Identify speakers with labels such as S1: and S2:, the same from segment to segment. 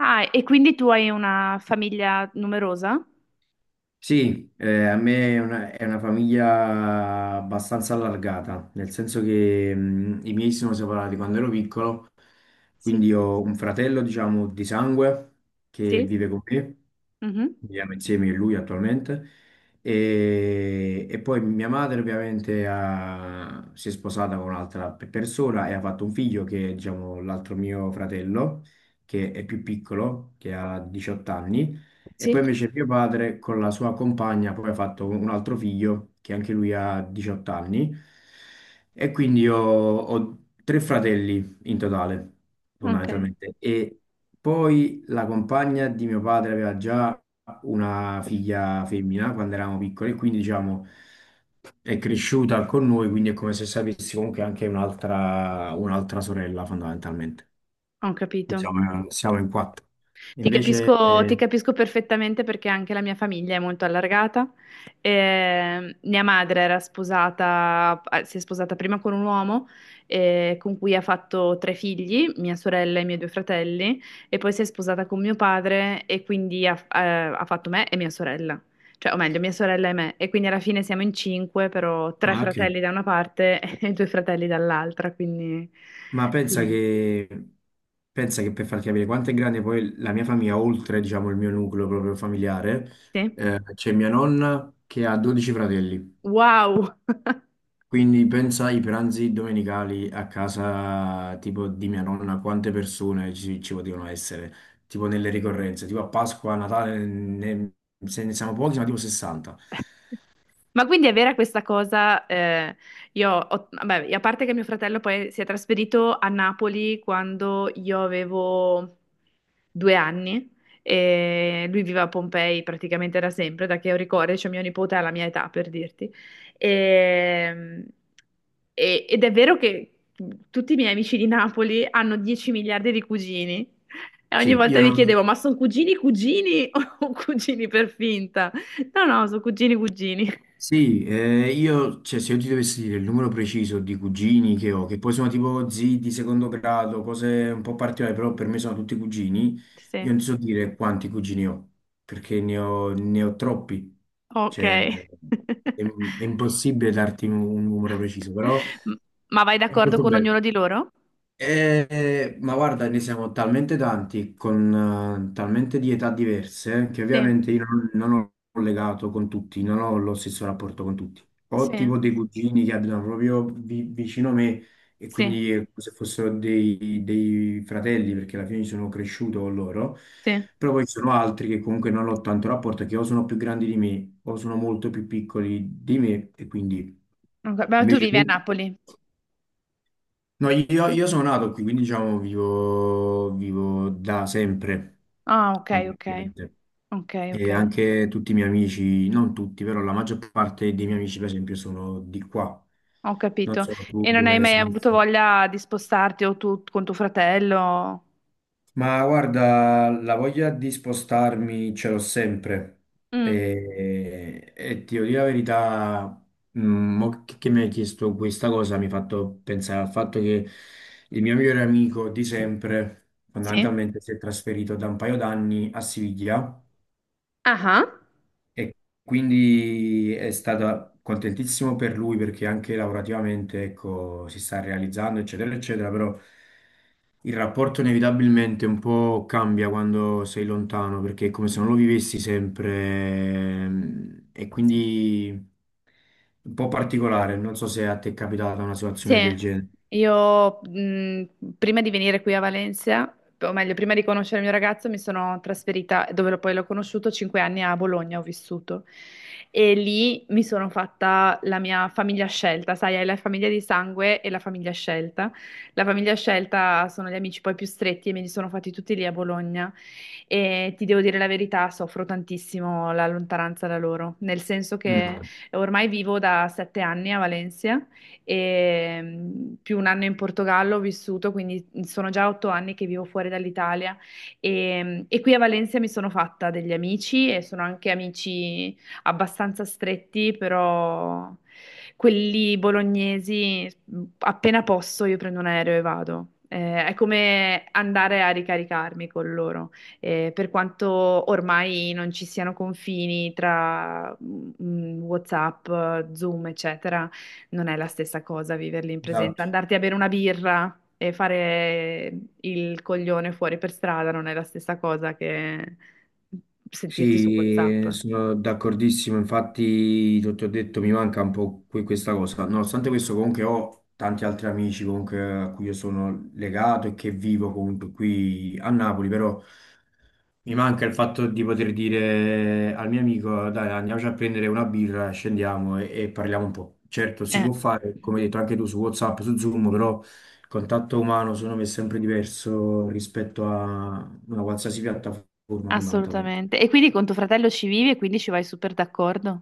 S1: Ah, e quindi tu hai una famiglia numerosa?
S2: Sì, a me è una famiglia abbastanza allargata, nel senso che i miei si sono separati quando ero piccolo,
S1: Sì.
S2: quindi ho un fratello, diciamo, di sangue che
S1: Sì?
S2: vive con me.
S1: Mhm.
S2: Viviamo insieme a lui attualmente. E poi mia madre ovviamente si è sposata con un'altra persona e ha fatto un figlio che è, diciamo, l'altro mio fratello, che è più piccolo, che ha 18 anni. E
S1: Sì?
S2: poi invece mio padre con la sua compagna poi ha fatto un altro figlio che anche lui ha 18 anni. E quindi io ho tre fratelli in totale,
S1: Ok,
S2: fondamentalmente. E poi la compagna di mio padre aveva già una figlia femmina quando eravamo piccoli, quindi diciamo è cresciuta con noi, quindi è come se sapessi comunque anche un'altra sorella fondamentalmente.
S1: ho
S2: Quindi
S1: capito.
S2: siamo in quattro. Invece,
S1: Ti capisco perfettamente perché anche la mia famiglia è molto allargata. Mia madre era sposata, si è sposata prima con un uomo con cui ha fatto tre figli, mia sorella e i miei due fratelli, e poi si è sposata con mio padre e quindi ha fatto me e mia sorella, cioè, o meglio, mia sorella e me. E quindi alla fine siamo in cinque, però tre
S2: ah, ok.
S1: fratelli da una parte e due fratelli dall'altra, quindi
S2: Ma pensa
S1: sì.
S2: che, Pensa che, per farti capire quanto è grande poi la mia famiglia, oltre diciamo il mio nucleo proprio familiare,
S1: Sì.
S2: c'è mia nonna che ha 12 fratelli.
S1: Wow!
S2: Quindi pensa ai pranzi domenicali a casa tipo di mia nonna, quante persone ci potevano essere, tipo nelle ricorrenze, tipo a Pasqua, a Natale, se ne siamo pochi, ma tipo 60.
S1: Ma quindi è vera questa cosa? Vabbè, a parte che mio fratello poi si è trasferito a Napoli quando io avevo 2 anni e lui vive a Pompei praticamente da sempre, da che ho ricordo, cioè mio nipote ha la mia età per dirti. E- Ed è vero che tutti i miei amici di Napoli hanno 10 miliardi di cugini e ogni
S2: Sì,
S1: volta
S2: io
S1: mi
S2: non-
S1: chiedevo, ma sono cugini cugini o cugini per finta? No, no, sono cugini cugini.
S2: sì, io, cioè, se io ti dovessi dire il numero preciso di cugini che ho, che poi sono tipo zii di secondo grado, cose un po' particolari, però per me sono tutti cugini, io
S1: Sì.
S2: non so dire quanti cugini ho, perché ne ho troppi.
S1: Ok.
S2: Cioè, è, è impossibile darti un numero preciso, però
S1: M- Ma vai
S2: è
S1: d'accordo
S2: molto
S1: con
S2: bello.
S1: ognuno di loro?
S2: Ma guarda, ne siamo talmente tanti, con talmente di età diverse, che
S1: Sì,
S2: ovviamente io non, non ho legato con tutti, non ho lo stesso rapporto con tutti. Ho
S1: sì,
S2: tipo dei cugini che abitano proprio vicino a me e
S1: sì,
S2: quindi è come se fossero dei fratelli, perché alla fine sono cresciuto con loro,
S1: sì.
S2: però poi ci sono altri che comunque non ho tanto rapporto, che o sono più grandi di me o sono molto più piccoli di me, e quindi
S1: Ok, beh, tu
S2: invece
S1: vivi a
S2: tu?
S1: Napoli.
S2: No, io sono nato qui, quindi diciamo vivo da sempre,
S1: Ah, ok, ok.
S2: fondamentalmente.
S1: Ok, ok.
S2: E anche tutti i miei amici, non tutti, però la maggior parte dei miei amici, per esempio, sono di qua.
S1: Ho
S2: Non
S1: capito.
S2: so tu
S1: E non hai
S2: come
S1: mai
S2: sei.
S1: avuto voglia di spostarti o tu con tuo fratello?
S2: Ma guarda, la voglia di spostarmi ce l'ho sempre
S1: Mm.
S2: e ti devo dire la verità, mo che mi hai chiesto questa cosa, mi ha fatto pensare al fatto che il mio migliore amico di sempre
S1: Sì.
S2: fondamentalmente si è trasferito da un paio d'anni a Siviglia,
S1: Ah, ah.
S2: e quindi è stato contentissimo per lui perché anche lavorativamente, ecco, si sta realizzando eccetera eccetera, però il rapporto inevitabilmente un po' cambia quando sei lontano, perché è come se non lo vivessi sempre, e
S1: Sì.
S2: quindi un po' particolare. Non so se a te è capitata una
S1: Sì,
S2: situazione del genere.
S1: io prima di venire qui a Valencia, o meglio, prima di conoscere il mio ragazzo, mi sono trasferita, dove poi l'ho conosciuto, 5 anni a Bologna ho vissuto. E lì mi sono fatta la mia famiglia scelta, sai, hai la famiglia di sangue e la famiglia scelta. La famiglia scelta sono gli amici poi più stretti e me li sono fatti tutti lì a Bologna. E ti devo dire la verità, soffro tantissimo la lontananza da loro, nel senso che
S2: Mm.
S1: ormai vivo da 7 anni a Valencia e più un anno in Portogallo ho vissuto, quindi sono già 8 anni che vivo fuori dall'Italia e qui a Valencia mi sono fatta degli amici e sono anche amici abbastanza stretti, però quelli bolognesi appena posso io prendo un aereo e vado. È come andare a ricaricarmi con loro, per quanto ormai non ci siano confini tra WhatsApp, Zoom, eccetera. Non è la stessa cosa viverli in presenza.
S2: Esatto.
S1: Andarti a bere una birra e fare il coglione fuori per strada non è la stessa cosa che sentirti su WhatsApp.
S2: Sì, sono d'accordissimo. Infatti, ti ho detto, mi manca un po' questa cosa. Nonostante questo, comunque ho tanti altri amici comunque a cui io sono legato e che vivo comunque qui a Napoli, però. Mi manca il fatto di poter dire al mio amico: dai, andiamoci a prendere una birra, scendiamo e parliamo un po'. Certo, si
S1: Eh,
S2: può fare, come hai detto anche tu, su WhatsApp, su Zoom, però il contatto umano secondo me è sempre diverso rispetto a una qualsiasi piattaforma, fondamentalmente.
S1: Assolutamente. E quindi con tuo fratello ci vivi e quindi ci vai super d'accordo?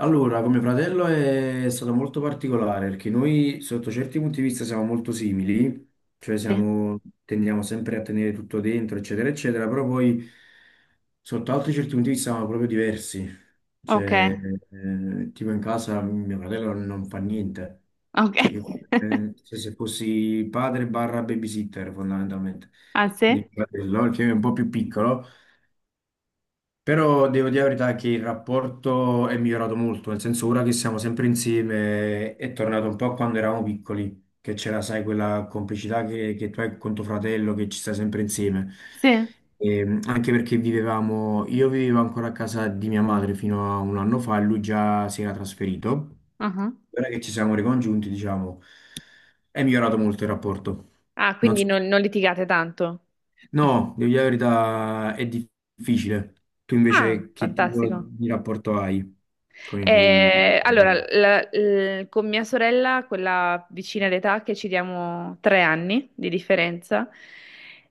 S2: Allora, come fratello è stato molto particolare perché noi sotto certi punti di vista siamo molto simili, cioè
S1: Sì.
S2: tendiamo sempre a tenere tutto dentro, eccetera, eccetera, però poi sotto altri certi punti di vista siamo proprio diversi.
S1: Ok,
S2: Cioè, tipo in casa mio fratello non fa niente.
S1: ok.
S2: Cioè, io, se fossi padre barra babysitter fondamentalmente.
S1: Ah,
S2: Quindi
S1: sì?
S2: mio fratello, che è un po' più piccolo. Però devo dire la verità che il rapporto è migliorato molto, nel senso ora che siamo sempre insieme è tornato un po' a quando eravamo piccoli, che c'era, sai, quella complicità che tu hai con tuo fratello, che ci stai sempre insieme.
S1: Sì.
S2: E, anche perché io vivevo ancora a casa di mia madre fino a un anno fa e lui già si era trasferito.
S1: Ah, ah.
S2: Ora che ci siamo ricongiunti, diciamo, è migliorato molto il rapporto.
S1: Ah, quindi non litigate tanto.
S2: No, devo dire la verità, è difficile. Tu
S1: Ah,
S2: invece che tipo
S1: fantastico.
S2: di rapporto hai con i tuoi...
S1: Allora, con mia sorella, quella vicina d'età, che ci diamo 3 anni di differenza,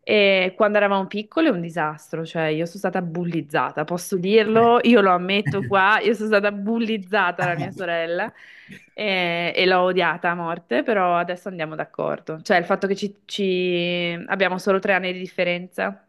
S1: e quando eravamo piccole è un disastro, cioè io sono stata bullizzata, posso dirlo, io lo ammetto qua, io sono stata bullizzata da mia sorella e l'ho odiata a morte, però adesso andiamo d'accordo. Cioè il fatto che abbiamo solo 3 anni di differenza,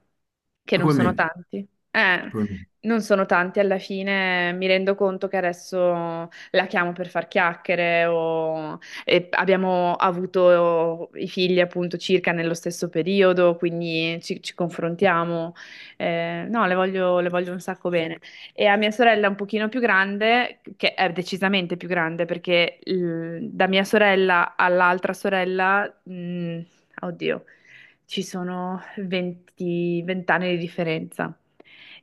S1: che non
S2: Come
S1: sono
S2: me,
S1: tanti.
S2: come me.
S1: Non sono tanti, alla fine mi rendo conto che adesso la chiamo per far chiacchiere o e abbiamo avuto i figli appunto circa nello stesso periodo, quindi ci confrontiamo. No, le voglio un sacco bene. E a mia sorella un pochino più grande, che è decisamente più grande perché da mia sorella all'altra sorella, oddio, ci sono 20 anni di differenza.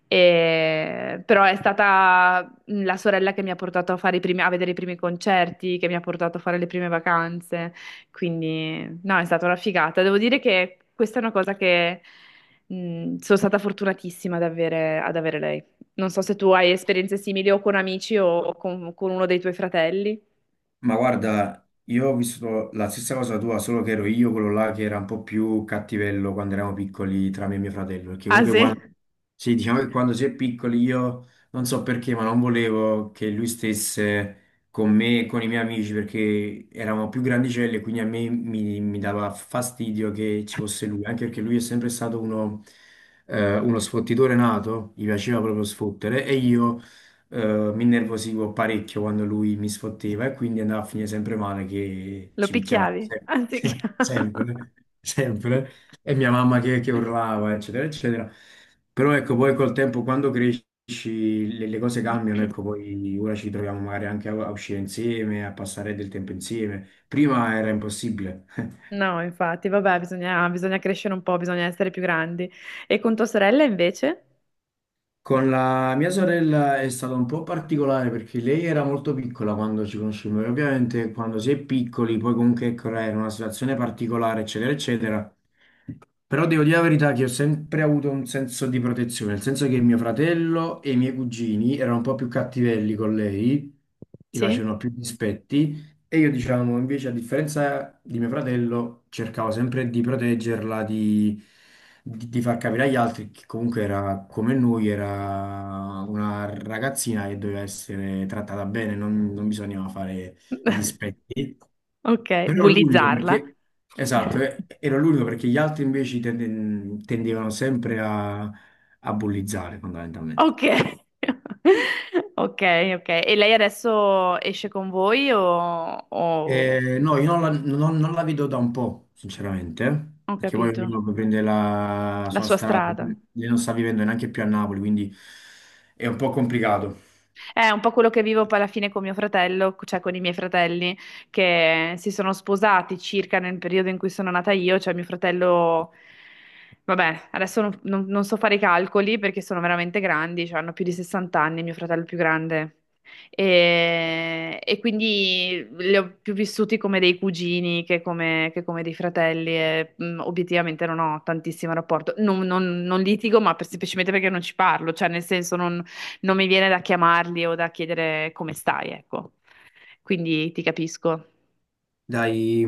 S1: Però è stata la sorella che mi ha portato a fare i primi- a vedere i primi concerti, che mi ha portato a fare le prime vacanze. Quindi, no, è stata una figata. Devo dire che questa è una cosa che sono stata fortunatissima ad avere lei. Non so se tu hai esperienze simili o con amici o con uno dei tuoi fratelli.
S2: Ma guarda, io ho vissuto la stessa cosa tua, solo che ero io quello là che era un po' più cattivello quando eravamo piccoli tra me e mio fratello, perché
S1: Ah,
S2: comunque
S1: sì?
S2: quando, sì, diciamo che quando si è piccoli io non so perché, ma non volevo che lui stesse con me e con i miei amici perché eravamo più grandicelli e quindi a me mi dava fastidio che ci fosse lui, anche perché lui è sempre stato uno, uno sfottitore nato, gli piaceva proprio sfottere e io, mi innervosivo parecchio quando lui mi sfotteva, e quindi andava a finire sempre male che
S1: Lo
S2: ci picchiavamo
S1: picchiavi?
S2: sempre,
S1: Ah, sì.
S2: sempre, sempre. E mia mamma che urlava, eccetera, eccetera. Però ecco, poi col tempo, quando cresci, le cose cambiano, ecco, poi ora ci troviamo magari anche a uscire insieme, a passare del tempo insieme. Prima era impossibile.
S1: No, infatti, vabbè, bisogna, bisogna crescere un po', bisogna essere più grandi. E con tua sorella invece?
S2: Con la mia sorella è stato un po' particolare perché lei era molto piccola quando ci conoscemmo e ovviamente quando si è piccoli, poi comunque ecco, era una situazione particolare, eccetera, eccetera. Però devo dire la verità che ho sempre avuto un senso di protezione, nel senso che mio fratello e i miei cugini erano un po' più cattivelli con lei, gli
S1: Sì?
S2: facevano più dispetti e io, diciamo, invece, a differenza di mio fratello, cercavo sempre di proteggerla, di, di far capire agli altri che comunque era come noi, era una ragazzina che doveva essere trattata bene, non bisognava fare i dispetti.
S1: Ok,
S2: Però ero l'unico
S1: bullizzarla.
S2: perché, esatto, ero l'unico perché gli altri invece tendevano sempre a, a bullizzare fondamentalmente.
S1: Ok. Ok, ok. E lei adesso esce con voi o?
S2: No, io non la vedo da un po', sinceramente,
S1: Ho
S2: perché poi
S1: capito.
S2: ognuno poi prende la
S1: La
S2: sua
S1: sua
S2: strada,
S1: strada.
S2: lei non sta vivendo neanche più a Napoli, quindi è un po' complicato.
S1: È un po' quello che vivo poi alla fine con mio fratello, cioè con i miei fratelli che si sono sposati circa nel periodo in cui sono nata io, cioè mio fratello, vabbè, adesso non so fare i calcoli perché sono veramente grandi, cioè hanno più di 60 anni, mio fratello più grande. E quindi li ho più vissuti come dei cugini che come dei fratelli e obiettivamente non ho tantissimo rapporto. Non litigo, ma semplicemente perché non ci parlo, cioè nel senso non mi viene da chiamarli o da chiedere come stai, ecco. Quindi ti capisco.
S2: Dai,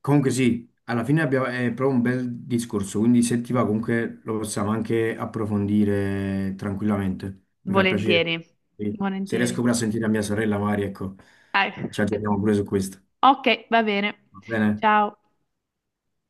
S2: comunque sì, alla fine abbiamo, è proprio un bel discorso, quindi se ti va comunque lo possiamo anche approfondire tranquillamente. Mi fa piacere.
S1: Volentieri,
S2: Sì. Se riesco
S1: volentieri.
S2: pure a sentire a mia sorella Mari, ecco,
S1: Dai.
S2: ci aggiorniamo pure su questo.
S1: Ok, va bene.
S2: Va bene?
S1: Ciao.